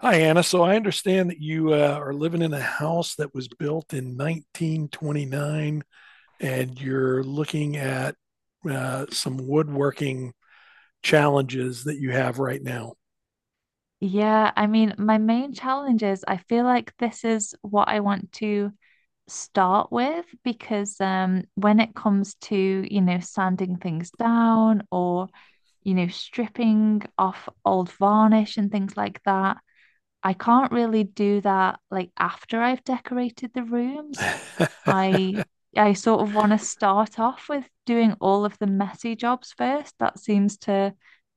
Hi, Anna. So I understand that you are living in a house that was built in 1929, and you're looking at some woodworking challenges that you have right now. Yeah, I mean, my main challenge is I feel like this is what I want to start with because when it comes to, sanding things down or, stripping off old varnish and things like that, I can't really do that like after I've decorated the rooms. I I sort of want to start off with doing all of the messy jobs first. That seems to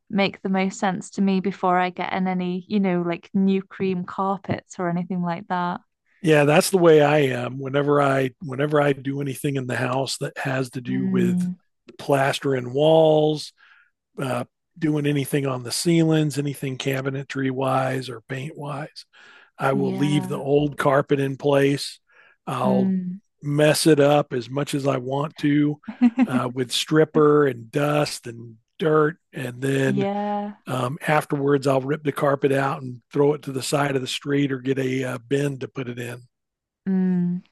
make the most sense to me before I get in any, like new cream carpets or anything like that. Yeah, that's the way I am. Whenever I do anything in the house that has to do with Mm, plastering walls, uh, doing anything on the ceilings, anything cabinetry wise or paint wise, I will leave the yeah. old carpet in place. I'll Mm. mess it up as much as I want to with stripper and dust and dirt. And then Yeah. Afterwards, I'll rip the carpet out and throw it to the side of the street or get a bin to put it in. Mm.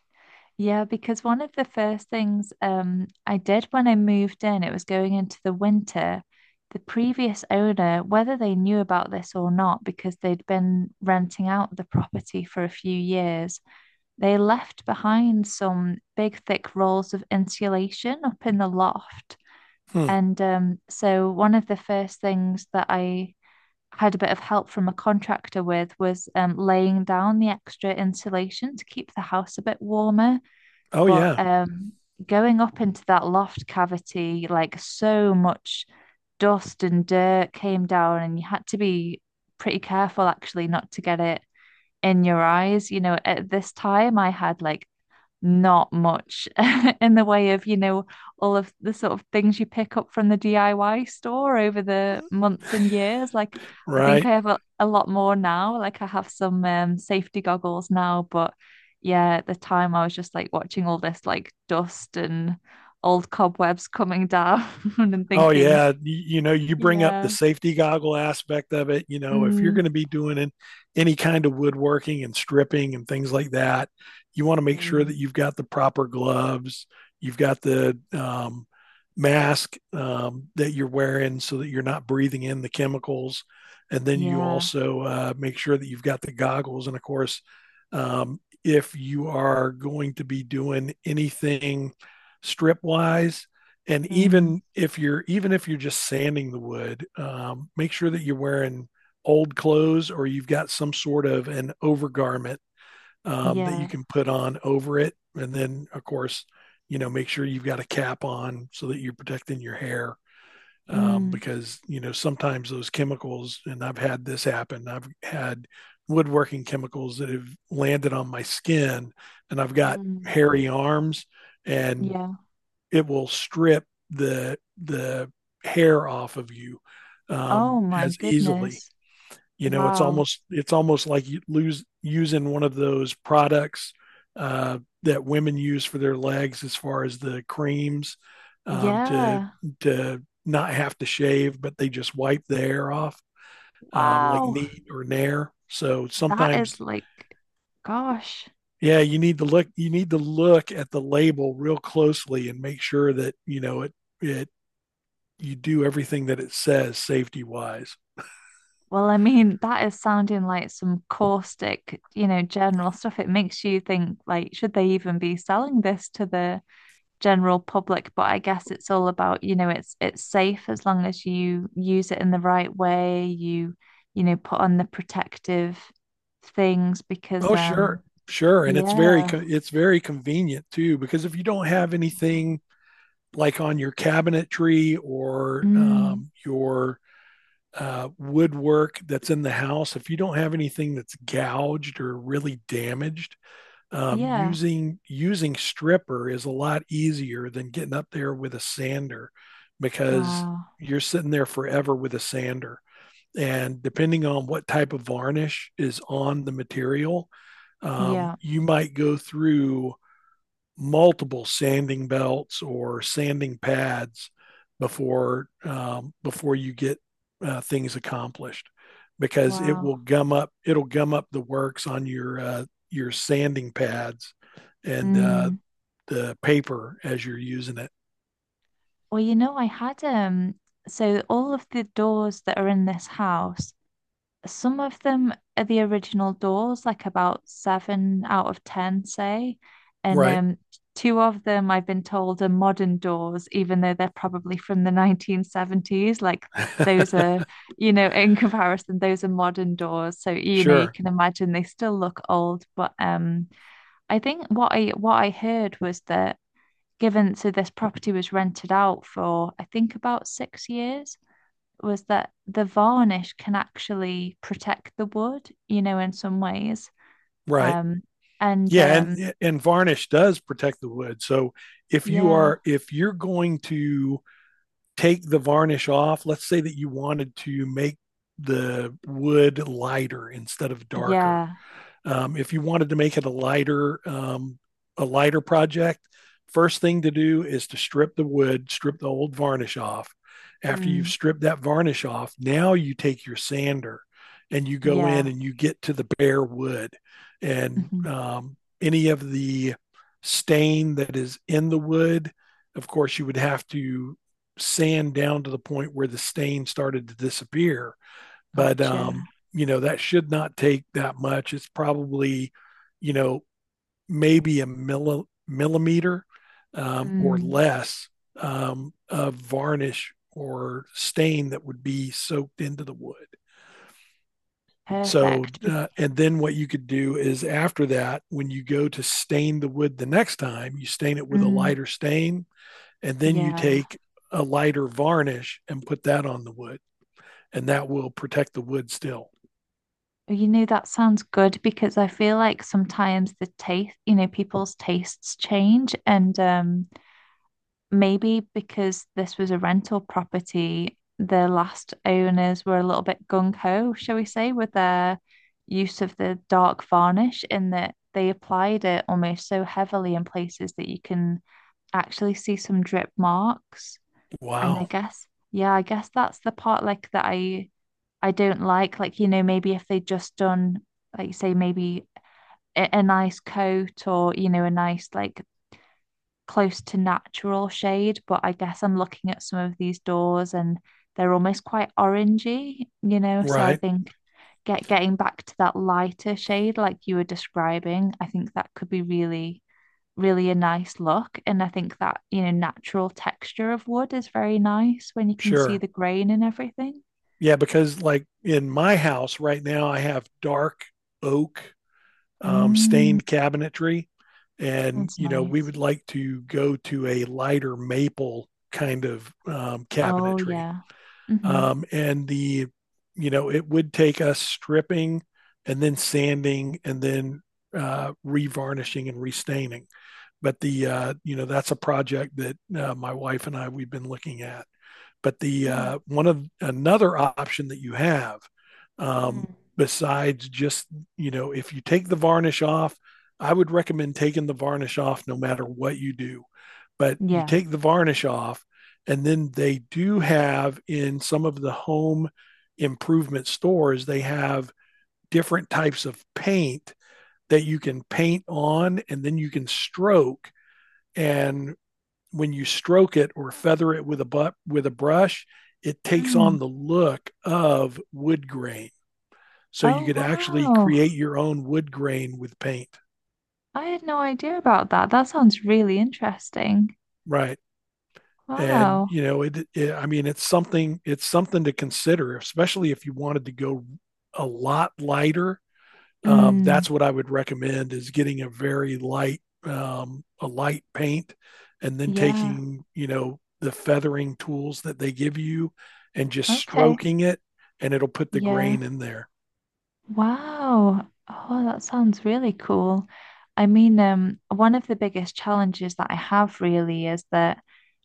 Yeah, because one of the first things I did when I moved in, it was going into the winter. The previous owner, whether they knew about this or not, because they'd been renting out the property for a few years, they left behind some big, thick rolls of insulation up in the loft. Hmm. And so, one of the first things that I had a bit of help from a contractor with was laying down the extra insulation to keep the house a bit warmer, Oh, but yeah. Going up into that loft cavity, like so much dust and dirt came down, and you had to be pretty careful actually not to get it in your eyes. You know, at this time, I had like not much in the way of, all of the sort of things you pick up from the DIY store over the months and years. Like, I think I Right. have a lot more now. Like, I have some safety goggles now, but yeah, at the time I was just like watching all this like dust and old cobwebs coming down and Oh thinking, yeah, you know, you bring up the yeah, safety goggle aspect of it. You know, if you're mm, going to be doing any kind of woodworking and stripping and things like that, you want to make sure mm, that you've got the proper gloves, you've got the mask that you're wearing so that you're not breathing in the chemicals, and then you yeah, also make sure that you've got the goggles. And of course, if you are going to be doing anything strip wise, and mm, even if you're just sanding the wood, make sure that you're wearing old clothes or you've got some sort of an overgarment that you yeah, can put on over it. And then of course, you know, make sure you've got a cap on so that you're protecting your hair, mm, because, you know, sometimes those chemicals, and I've had this happen, I've had woodworking chemicals that have landed on my skin, and I've got mm, hairy arms, and yeah. it will strip the hair off of you, Oh my as easily. goodness. You know, it's Wow. almost it's almost like you lose using one of those products that women use for their legs, as far as the creams, um, to Yeah. to not have to shave, but they just wipe the hair off, like Wow. neat or Nair. So That is sometimes, like, gosh. yeah, you need to look, you need to look at the label real closely and make sure that you know it, it, you do everything that it says safety wise. Well, I mean, that is sounding like some caustic, general stuff. It makes you think, like, should they even be selling this to the general public? But I guess it's all about, it's safe as long as you use it in the right way. You, put on the protective things because, Oh, sure, sure, and it's very yeah. it's very convenient too, because if you don't have Wow. anything like on your cabinetry or Mm, your woodwork that's in the house, if you don't have anything that's gouged or really damaged, um, yeah. using using stripper is a lot easier than getting up there with a sander, because Wow. you're sitting there forever with a sander. And depending on what type of varnish is on the material, Yeah. you might go through multiple sanding belts or sanding pads before before you get things accomplished, because it will Wow. gum up it'll gum up the works on your sanding pads and Mm. the paper as you're using it. Well, I had so all of the doors that are in this house, some of them are the original doors, like about seven out of ten, say. And Right. Two of them I've been told are modern doors, even though they're probably from the 1970s. Like those are, in comparison, those are modern doors. So, you Sure. can imagine they still look old, but I think what I heard was that, given so this property was rented out for I think about 6 years, was that the varnish can actually protect the wood, in some ways. Right. Um, and Yeah, um, and varnish does protect the wood. So if you yeah, are, if you're going to take the varnish off, let's say that you wanted to make the wood lighter instead of darker. yeah, If you wanted to make it a lighter project, first thing to do is to strip the wood, strip the old varnish off. After you've mm, stripped that varnish off, now you take your sander and you go in yeah, and you get to the bare wood and mhm, any of the stain that is in the wood. Of course, you would have to sand down to the point where the stain started to disappear, but gotcha. You know, that should not take that much. It's probably, you know, maybe a millimeter or Mm, less of varnish or stain that would be soaked into the wood. So, perfect. And then what you could do is, after that, when you go to stain the wood the next time, you stain it with a mm, lighter stain, and then you yeah. take a lighter varnish and put that on the wood, and that will protect the wood still. Oh, that sounds good because I feel like sometimes the taste, people's tastes change, and maybe because this was a rental property, the last owners were a little bit gung ho, shall we say, with their use of the dark varnish, in that they applied it almost so heavily in places that you can actually see some drip marks. And I Wow. guess, yeah, I guess that's the part like that I don't like. Like, maybe if they would just done, like you say, maybe a nice coat, or, a nice like close to natural shade, but I guess I'm looking at some of these doors and they're almost quite orangey, you know. So I Right. think getting back to that lighter shade like you were describing, I think that could be really, really a nice look. And I think that, natural texture of wood is very nice when you can see Sure. the grain and everything. Yeah, because like in my house right now, I have dark oak, Mm, stained cabinetry. And, sounds you know, we nice. would like to go to a lighter maple kind of, Oh cabinetry. yeah. Mm-hmm. And you know, it would take us stripping and then sanding and then revarnishing and restaining. But you know, that's a project that my wife and I, we've been looking at. But the Mm. One of, another option that you have, um, Mm. besides just, you know, if you take the varnish off, I would recommend taking the varnish off no matter what you do. But you Yeah. take the varnish off, and then they do have, in some of the home improvement stores, they have different types of paint that you can paint on, and then you can stroke and when you stroke it or feather it with a but with a brush, it takes Mm. on the look of wood grain. So you Oh could actually wow. create your own wood grain with paint, I had no idea about that. That sounds really interesting. right? And Wow. you know, it I mean, it's something to consider, especially if you wanted to go a lot lighter, Mm, that's what I would recommend, is getting a very light, a light paint and then yeah. taking, you know, the feathering tools that they give you and just Okay. stroking it, and it'll put the Yeah. grain in there. Wow. Oh, that sounds really cool. I mean, one of the biggest challenges that I have really is that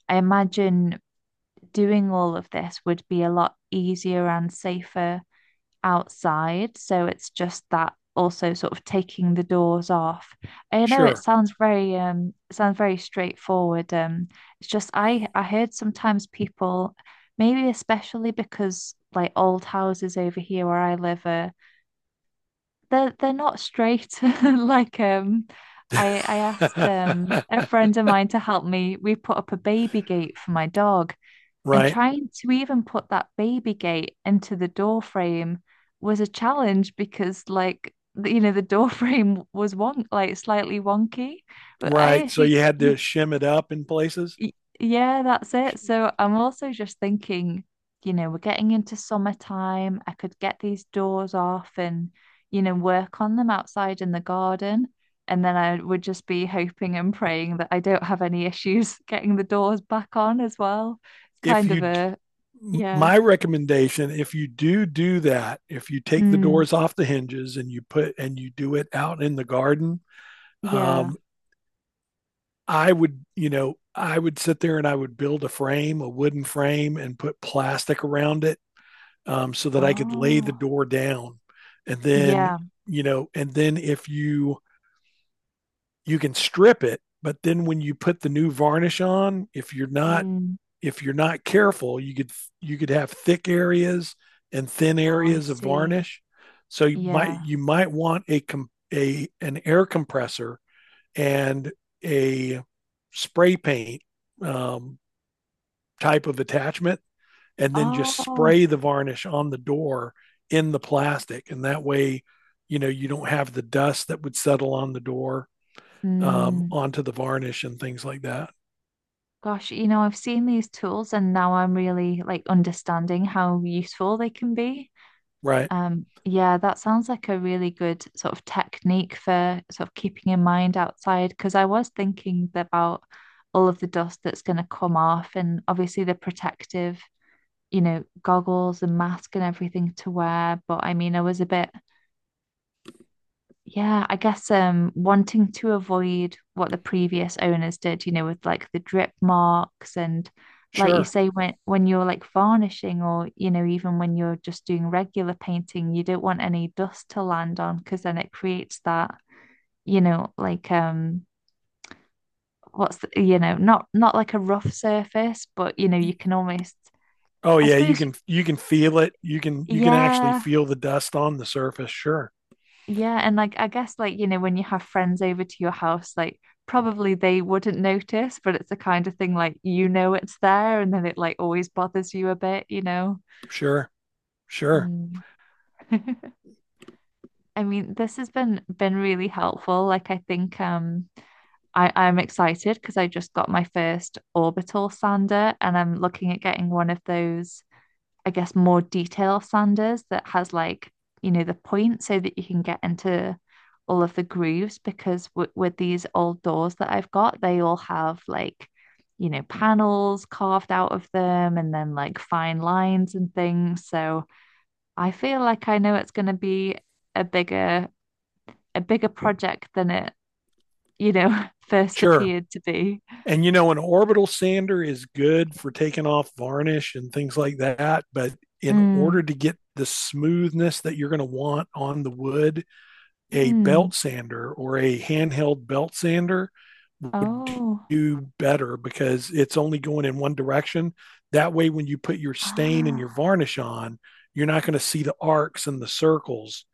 I imagine doing all of this would be a lot easier and safer outside. So it's just that also sort of taking the doors off. I know it Sure. sounds very straightforward. It's just I heard sometimes people, maybe especially because like old houses over here where I live are, they're not straight, like I asked a friend of mine to help me. We put up a baby gate for my dog, and Right. trying to even put that baby gate into the door frame was a challenge because, like, the door frame was wonk like slightly wonky. But I Right. So actually, you had you, to shim it up in places. you yeah, that's it. So I'm also just thinking, you know, we're getting into summertime, I could get these doors off and, you know, work on them outside in the garden, and then I would just be hoping and praying that I don't have any issues getting the doors back on as well. It's If kind of you, a yeah. my recommendation, if you do do that, if you take the Mm, doors off the hinges and you put, and you do it out in the garden, yeah. um, I would, you know, I would sit there and I would build a frame, a wooden frame, and put plastic around it, so that I could lay the Oh, door down. And then, yeah. you know, and then if you, you can strip it, but then when you put the new varnish on, if you're not, Mm, if you're not careful, you could, you could have thick areas and thin oh, I areas of see. varnish. So you might Yeah. you might want a an air compressor and a spray paint, um, type of attachment, and then just Oh, spray the varnish on the door in the plastic. And that way, you know, you don't have the dust that would settle on the door, mm, onto the varnish and things like that. gosh, I've seen these tools and now I'm really like understanding how useful they can be. Right. Yeah, that sounds like a really good sort of technique for sort of keeping in mind outside because I was thinking about all of the dust that's going to come off, and obviously the protective, goggles and mask and everything to wear. But I mean, I was a bit, yeah, I guess wanting to avoid what the previous owners did, with like the drip marks, and like you Sure. say, when you're like varnishing or, even when you're just doing regular painting, you don't want any dust to land on, because then it creates that, like what's the, not like a rough surface, but you can almost, Oh I yeah, you suppose, can you can feel it. You can actually yeah. feel the dust on the surface. Sure. Yeah, and like I guess like, when you have friends over to your house, like probably they wouldn't notice, but it's the kind of thing, like, it's there, and then it like always bothers you a bit, you know. Sure. Sure. Mm. I mean, this has been really helpful. Like I think I'm excited because I just got my first orbital sander, and I'm looking at getting one of those, I guess, more detail sanders that has, like, the point, so that you can get into all of the grooves, because w with these old doors that I've got, they all have, like, panels carved out of them and then like fine lines and things. So I feel like I know it's going to be a bigger a bigger project than it, first Sure. appeared to be. And you know, an orbital sander is good for taking off varnish and things like that. But in Mm, order to get the smoothness that you're going to want on the wood, a mm. belt sander or a handheld belt sander would Oh. do better, because it's only going in one direction. That way, when you put your stain and your Ah. varnish on, you're not going to see the arcs and the circles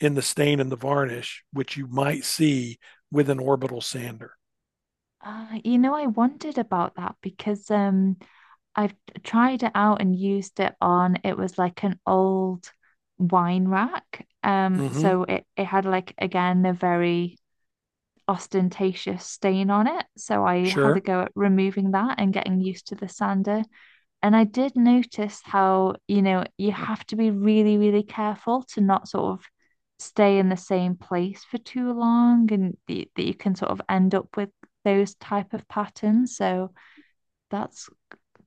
in the stain and the varnish, which you might see with an orbital sander. I wondered about that because I've tried it out and used it on, it was like an old wine rack. Um, Mm-hmm. so it, it had like, again, a very ostentatious stain on it. So I had a Sure. go at removing that and getting used to the sander. And I did notice how, you have to be really, really careful to not sort of stay in the same place for too long, and that you can sort of end up with those type of patterns. So that's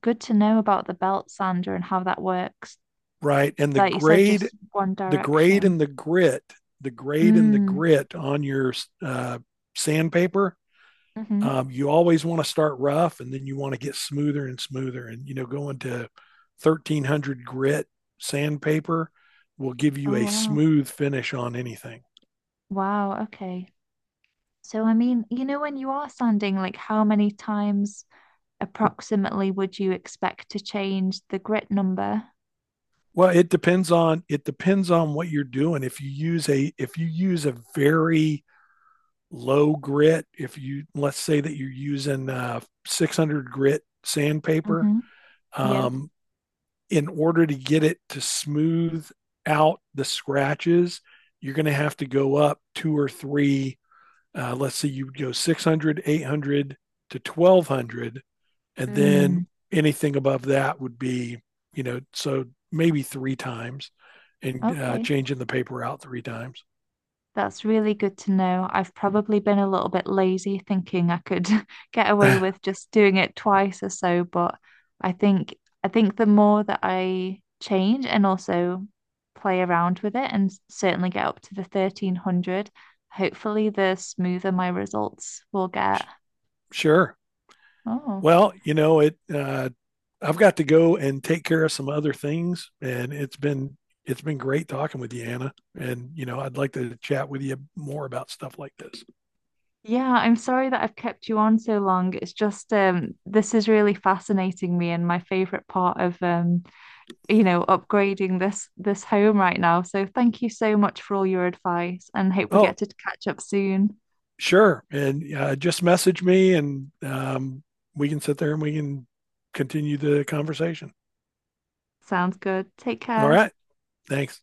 good to know about the belt sander and how that works. Right? And Like you said, just one the grade direction. and the grit, the grade and the Mm, grit on your uh, sandpaper, mm-hmm. You always want to start rough and then you want to get smoother and smoother. And, you know, going to 1300 grit sandpaper will give Oh, you a wow. smooth finish on anything. Wow. Okay. So, I mean, when you are sanding, like how many times approximately would you expect to change the grit number? Well, it depends on what you're doing. If you use a very low grit, if you, let's say that you're using 600 grit sandpaper, Mm-hmm. Yeah. um, in order to get it to smooth out the scratches, you're going to have to go up two or three. Let's say you would go 600, 800 to 1200. And then Mm. anything above that would be, you know, so maybe three times, and Okay. changing the paper out three times. That's really good to know. I've probably been a little bit lazy thinking I could get away with just doing it twice or so, but I think I think the more that I change and also play around with it and certainly get up to the 1300, hopefully the smoother my results will get. Sure. Oh. Well, you know, it uh, I've got to go and take care of some other things, and it's been, it's been great talking with you, Anna. And you know, I'd like to chat with you more about stuff like this. Yeah, I'm sorry that I've kept you on so long. It's just this is really fascinating me, and my favorite part of upgrading this home right now. So thank you so much for all your advice, and hope we Oh, get to catch up soon. sure. And just message me, and um, we can sit there and we can continue the conversation. Sounds good. Take All care. right. Thanks.